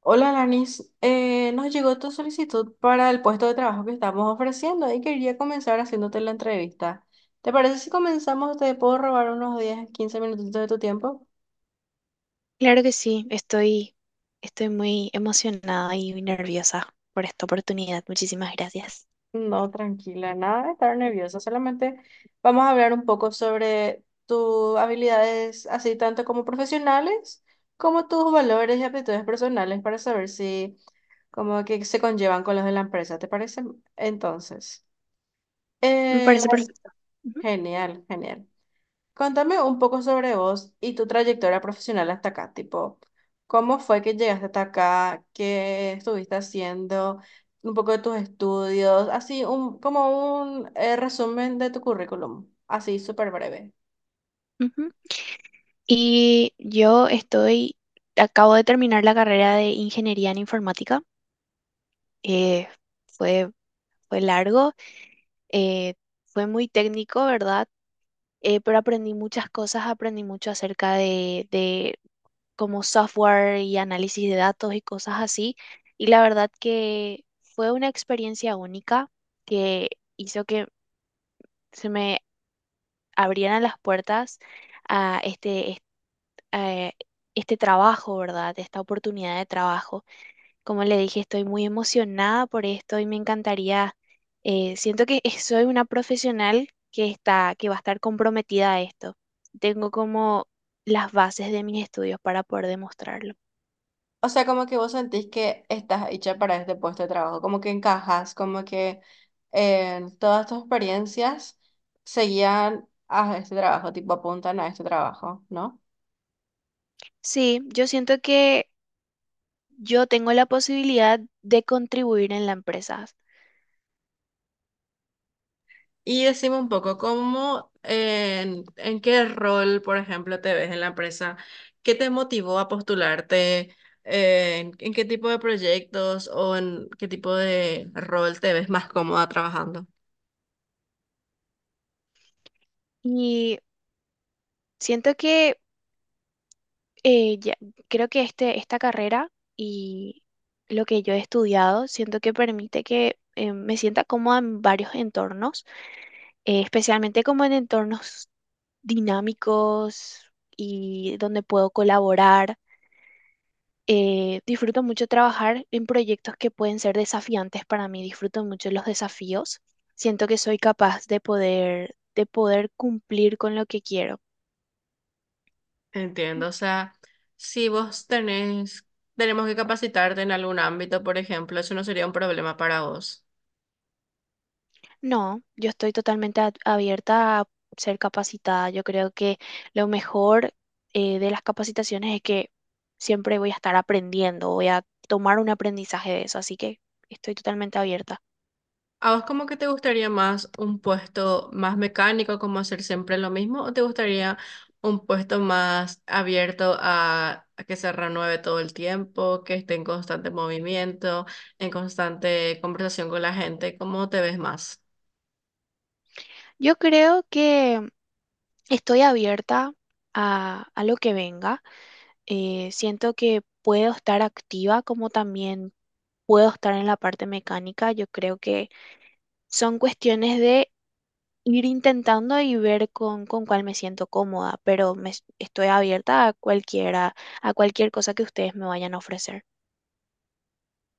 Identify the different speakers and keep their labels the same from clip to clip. Speaker 1: Hola, Lanis. Nos llegó tu solicitud para el puesto de trabajo que estamos ofreciendo y quería comenzar haciéndote la entrevista. ¿Te parece si comenzamos? ¿Te puedo robar unos 10 15 minutitos de tu tiempo?
Speaker 2: Claro que sí, estoy muy emocionada y muy nerviosa por esta oportunidad. Muchísimas gracias.
Speaker 1: No, tranquila, nada de estar nerviosa. Solamente vamos a hablar un poco sobre tus habilidades, así tanto como profesionales, como tus valores y aptitudes personales para saber si como que se conllevan con los de la empresa. ¿Te parece? Entonces,
Speaker 2: Me parece
Speaker 1: vale.
Speaker 2: perfecto. Ujú,
Speaker 1: Genial, genial. Contame un poco sobre vos y tu trayectoria profesional hasta acá, tipo, ¿cómo fue que llegaste hasta acá? ¿Qué estuviste haciendo? Un poco de tus estudios, así un, como un resumen de tu currículum, así súper breve.
Speaker 2: ujú. Y acabo de terminar la carrera de ingeniería en informática. Eh, fue, fue largo, eh, fue muy técnico, ¿verdad? Pero aprendí muchas cosas, aprendí mucho acerca de, como software y análisis de datos y cosas así. Y la verdad que fue una experiencia única que hizo que se me abrieran las puertas a a este trabajo, ¿verdad? Esta oportunidad de trabajo. Como le dije, estoy muy emocionada por esto y me encantaría, siento que soy una profesional que que va a estar comprometida a esto. Tengo como las bases de mis estudios para poder demostrarlo.
Speaker 1: O sea, como que vos sentís que estás hecha para este puesto de trabajo, como que encajas, como que todas tus experiencias seguían a este trabajo, tipo apuntan a este trabajo, ¿no?
Speaker 2: Sí, yo siento que yo tengo la posibilidad de contribuir en la empresa
Speaker 1: Y decime un poco, ¿cómo, en qué rol, por ejemplo, te ves en la empresa? ¿Qué te motivó a postularte? ¿En, en qué tipo de proyectos o en qué tipo de rol te ves más cómoda trabajando?
Speaker 2: y siento que eh, ya- creo que esta carrera y lo que yo he estudiado, siento que permite que me sienta cómoda en varios entornos, especialmente como en entornos dinámicos y donde puedo colaborar. Disfruto mucho trabajar en proyectos que pueden ser desafiantes para mí. Disfruto mucho los desafíos. Siento que soy capaz de de poder cumplir con lo que quiero.
Speaker 1: Entiendo, o sea, si vos tenés, tenemos que capacitarte en algún ámbito, por ejemplo, eso no sería un problema para vos.
Speaker 2: No, yo estoy totalmente abierta a ser capacitada. Yo creo que lo mejor de las capacitaciones es que siempre voy a estar aprendiendo, voy a tomar un aprendizaje de eso, así que estoy totalmente abierta.
Speaker 1: ¿A vos como que te gustaría más un puesto más mecánico, como hacer siempre lo mismo, o te gustaría un puesto más abierto a que se renueve todo el tiempo, que esté en constante movimiento, en constante conversación con la gente? ¿Cómo te ves más?
Speaker 2: Yo creo que estoy abierta a lo que venga. Siento que puedo estar activa como también puedo estar en la parte mecánica. Yo creo que son cuestiones de ir intentando y ver con cuál me siento cómoda, pero estoy abierta a cualquiera, a cualquier cosa que ustedes me vayan a ofrecer.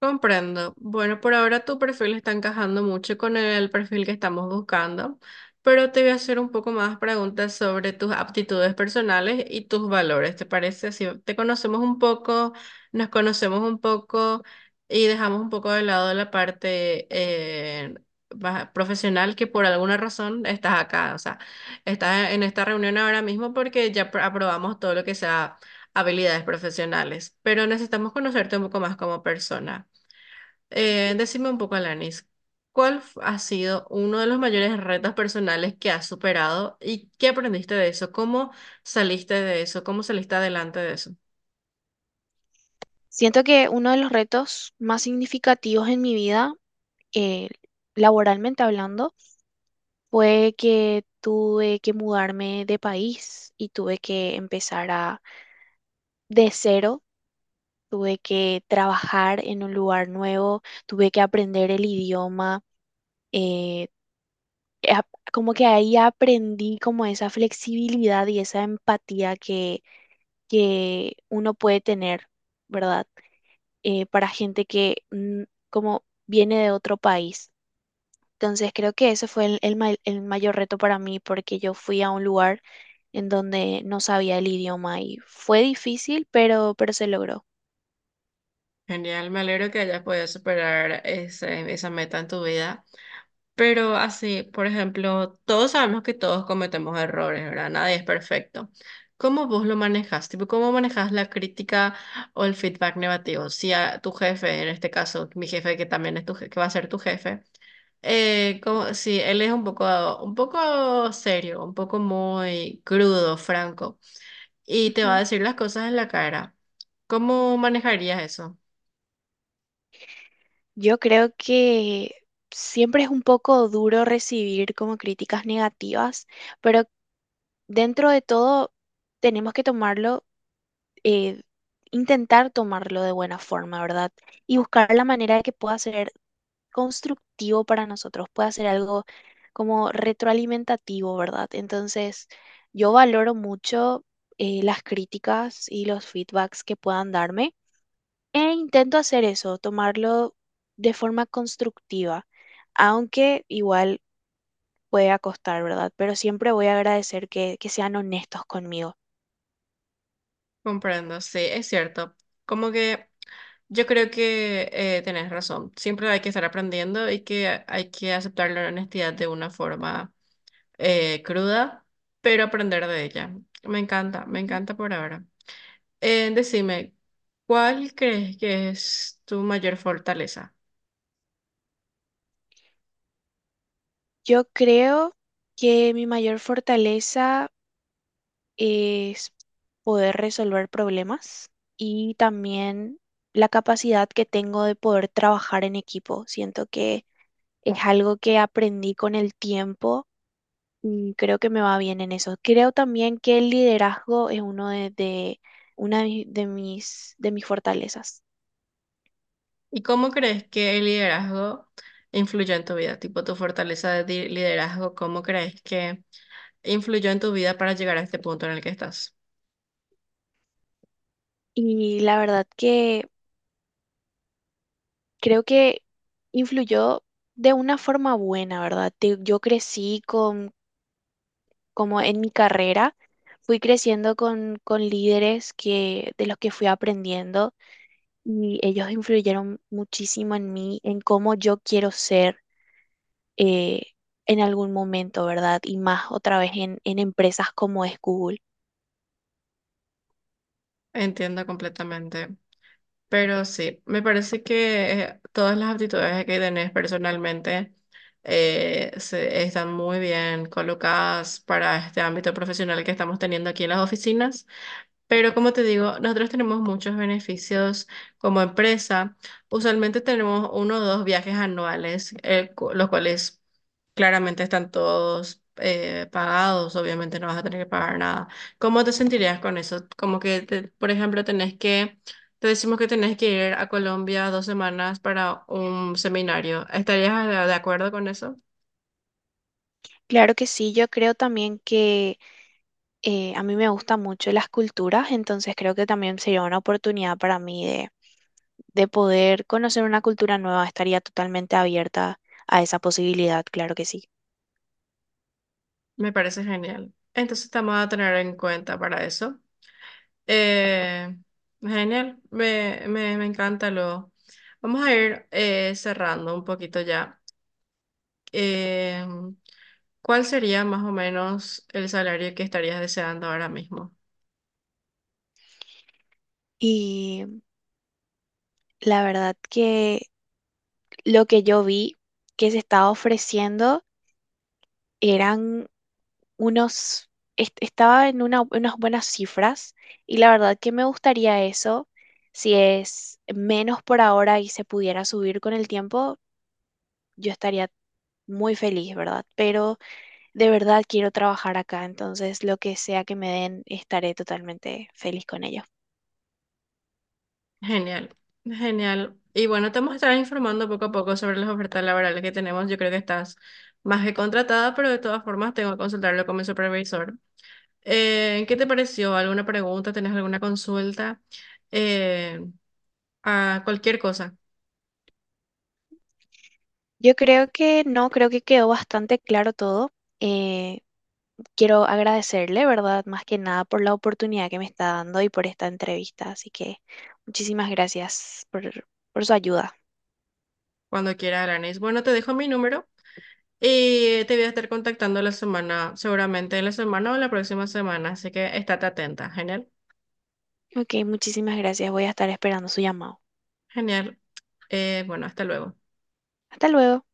Speaker 1: Comprendo. Bueno, por ahora tu perfil está encajando mucho con el perfil que estamos buscando, pero te voy a hacer un poco más preguntas sobre tus aptitudes personales y tus valores. ¿Te parece? Así te conocemos un poco, nos conocemos un poco y dejamos un poco de lado la parte más profesional que por alguna razón estás acá. O sea, estás en esta reunión ahora mismo porque ya aprobamos todo lo que sea habilidades profesionales, pero necesitamos conocerte un poco más como persona. Decime un poco, Alanis, ¿cuál ha sido uno de los mayores retos personales que has superado y qué aprendiste de eso? ¿Cómo saliste de eso? ¿Cómo saliste adelante de eso?
Speaker 2: Siento que uno de los retos más significativos en mi vida, eh, laboralmente hablando, fue que tuve que mudarme de país y tuve que empezar a de cero, tuve que trabajar en un lugar nuevo, tuve que aprender el idioma, eh, ap- como que ahí aprendí como esa flexibilidad y esa empatía que uno puede tener, ¿verdad? Para gente que como viene de otro país. Entonces creo que ese fue el mayor reto para mí porque yo fui a un lugar en donde no sabía el idioma y fue difícil, pero se logró.
Speaker 1: Genial, me alegro que hayas podido superar esa meta en tu vida. Pero así, por ejemplo, todos sabemos que todos cometemos errores, ¿verdad? Nadie es perfecto. ¿Cómo vos lo manejas? Tipo, ¿cómo manejas la crítica o el feedback negativo? Si a tu jefe, en este caso, mi jefe que también es que va a ser tu jefe. Como, sí, él es un poco serio, un poco muy crudo, franco, y te va a
Speaker 2: Ujú.
Speaker 1: decir las cosas en la cara. ¿Cómo manejarías eso?
Speaker 2: Yo creo que siempre es un poco duro recibir como críticas negativas, pero dentro de todo tenemos que tomarlo, eh, intentar tomarlo de buena forma, ¿verdad? Y buscar la manera de que pueda ser constructivo para nosotros, pueda ser algo como retroalimentativo, ¿verdad? Entonces, yo valoro mucho las críticas y los feedbacks que puedan darme. E intento hacer eso, tomarlo de forma constructiva, aunque igual pueda costar, ¿verdad? Pero siempre voy a agradecer que sean honestos conmigo.
Speaker 1: Comprendo, sí, es cierto. Como que yo creo que tenés razón. Siempre hay que estar aprendiendo y que hay que aceptar la honestidad de una forma cruda, pero aprender de ella. Me
Speaker 2: Ujú.
Speaker 1: encanta por ahora. Decime, ¿cuál crees que es tu mayor fortaleza?
Speaker 2: Yo creo que mi mayor fortaleza es poder resolver problemas y también la capacidad que tengo de poder trabajar en equipo. Siento que es algo que aprendí con el tiempo y creo que me va bien en eso. Creo también que el liderazgo es una de de mis fortalezas.
Speaker 1: ¿Y cómo crees que el liderazgo influyó en tu vida? Tipo, tu fortaleza de liderazgo, ¿cómo crees que influyó en tu vida para llegar a este punto en el que estás?
Speaker 2: Y la verdad que creo que influyó de una forma buena, ¿verdad? Yo crecí con, como en mi carrera, fui creciendo con líderes que, de los que fui aprendiendo y ellos influyeron muchísimo en mí, en cómo yo quiero ser eh, en algún momento, ¿verdad? Y más otra vez en empresas como es Google.
Speaker 1: Entiendo completamente. Pero sí, me parece que todas las aptitudes que tenés personalmente están muy bien colocadas para este ámbito profesional que estamos teniendo aquí en las oficinas. Pero como te digo, nosotros tenemos muchos beneficios como empresa. Usualmente tenemos uno o dos viajes anuales, los cuales claramente están todos pagados. Obviamente no vas a tener que pagar nada. ¿Cómo te sentirías con eso? Como que, por ejemplo, tenés que, te decimos que tenés que ir a Colombia 2 semanas para un seminario. ¿Estarías de acuerdo con eso?
Speaker 2: Claro que sí, yo creo también que a mí me gustan mucho las culturas, entonces creo que también sería una oportunidad para mí de poder conocer una cultura nueva, estaría totalmente abierta a esa posibilidad, claro que sí.
Speaker 1: Me parece genial. Entonces te vamos a tener en cuenta para eso. Eh, me encanta lo. Vamos a ir cerrando un poquito ya. Eh, ¿Cuál sería más o menos el salario que estarías deseando ahora mismo?
Speaker 2: Y la verdad que lo que yo vi que se estaba ofreciendo eran unos, estaba en unas buenas cifras y la verdad que me gustaría eso. Si es menos por ahora y se pudiera subir con el tiempo, yo estaría muy feliz, ¿verdad? Pero de verdad quiero trabajar acá, entonces lo que sea que me den, estaré totalmente feliz con ello.
Speaker 1: Genial, genial. Y bueno, te vamos a estar informando poco a poco sobre las ofertas laborales que tenemos. Yo creo que estás más que contratada, pero de todas formas tengo que consultarlo con mi supervisor. ¿Qué te pareció? ¿Alguna pregunta? ¿Tenés alguna consulta? Eh, a cualquier cosa.
Speaker 2: Yo creo que no, creo que quedó bastante claro todo. Eh, quiero agradecerle, ¿verdad? Más que nada por la oportunidad que me está dando y por esta entrevista. Así que muchísimas gracias por su ayuda.
Speaker 1: Cuando quiera, Aranis. Bueno, te dejo mi número y te voy a estar contactando la semana, seguramente en la semana o la próxima semana, así que estate atenta. Genial,
Speaker 2: Ok, muchísimas gracias. Voy a estar esperando su llamado.
Speaker 1: genial. Bueno, hasta luego.
Speaker 2: Hasta luego.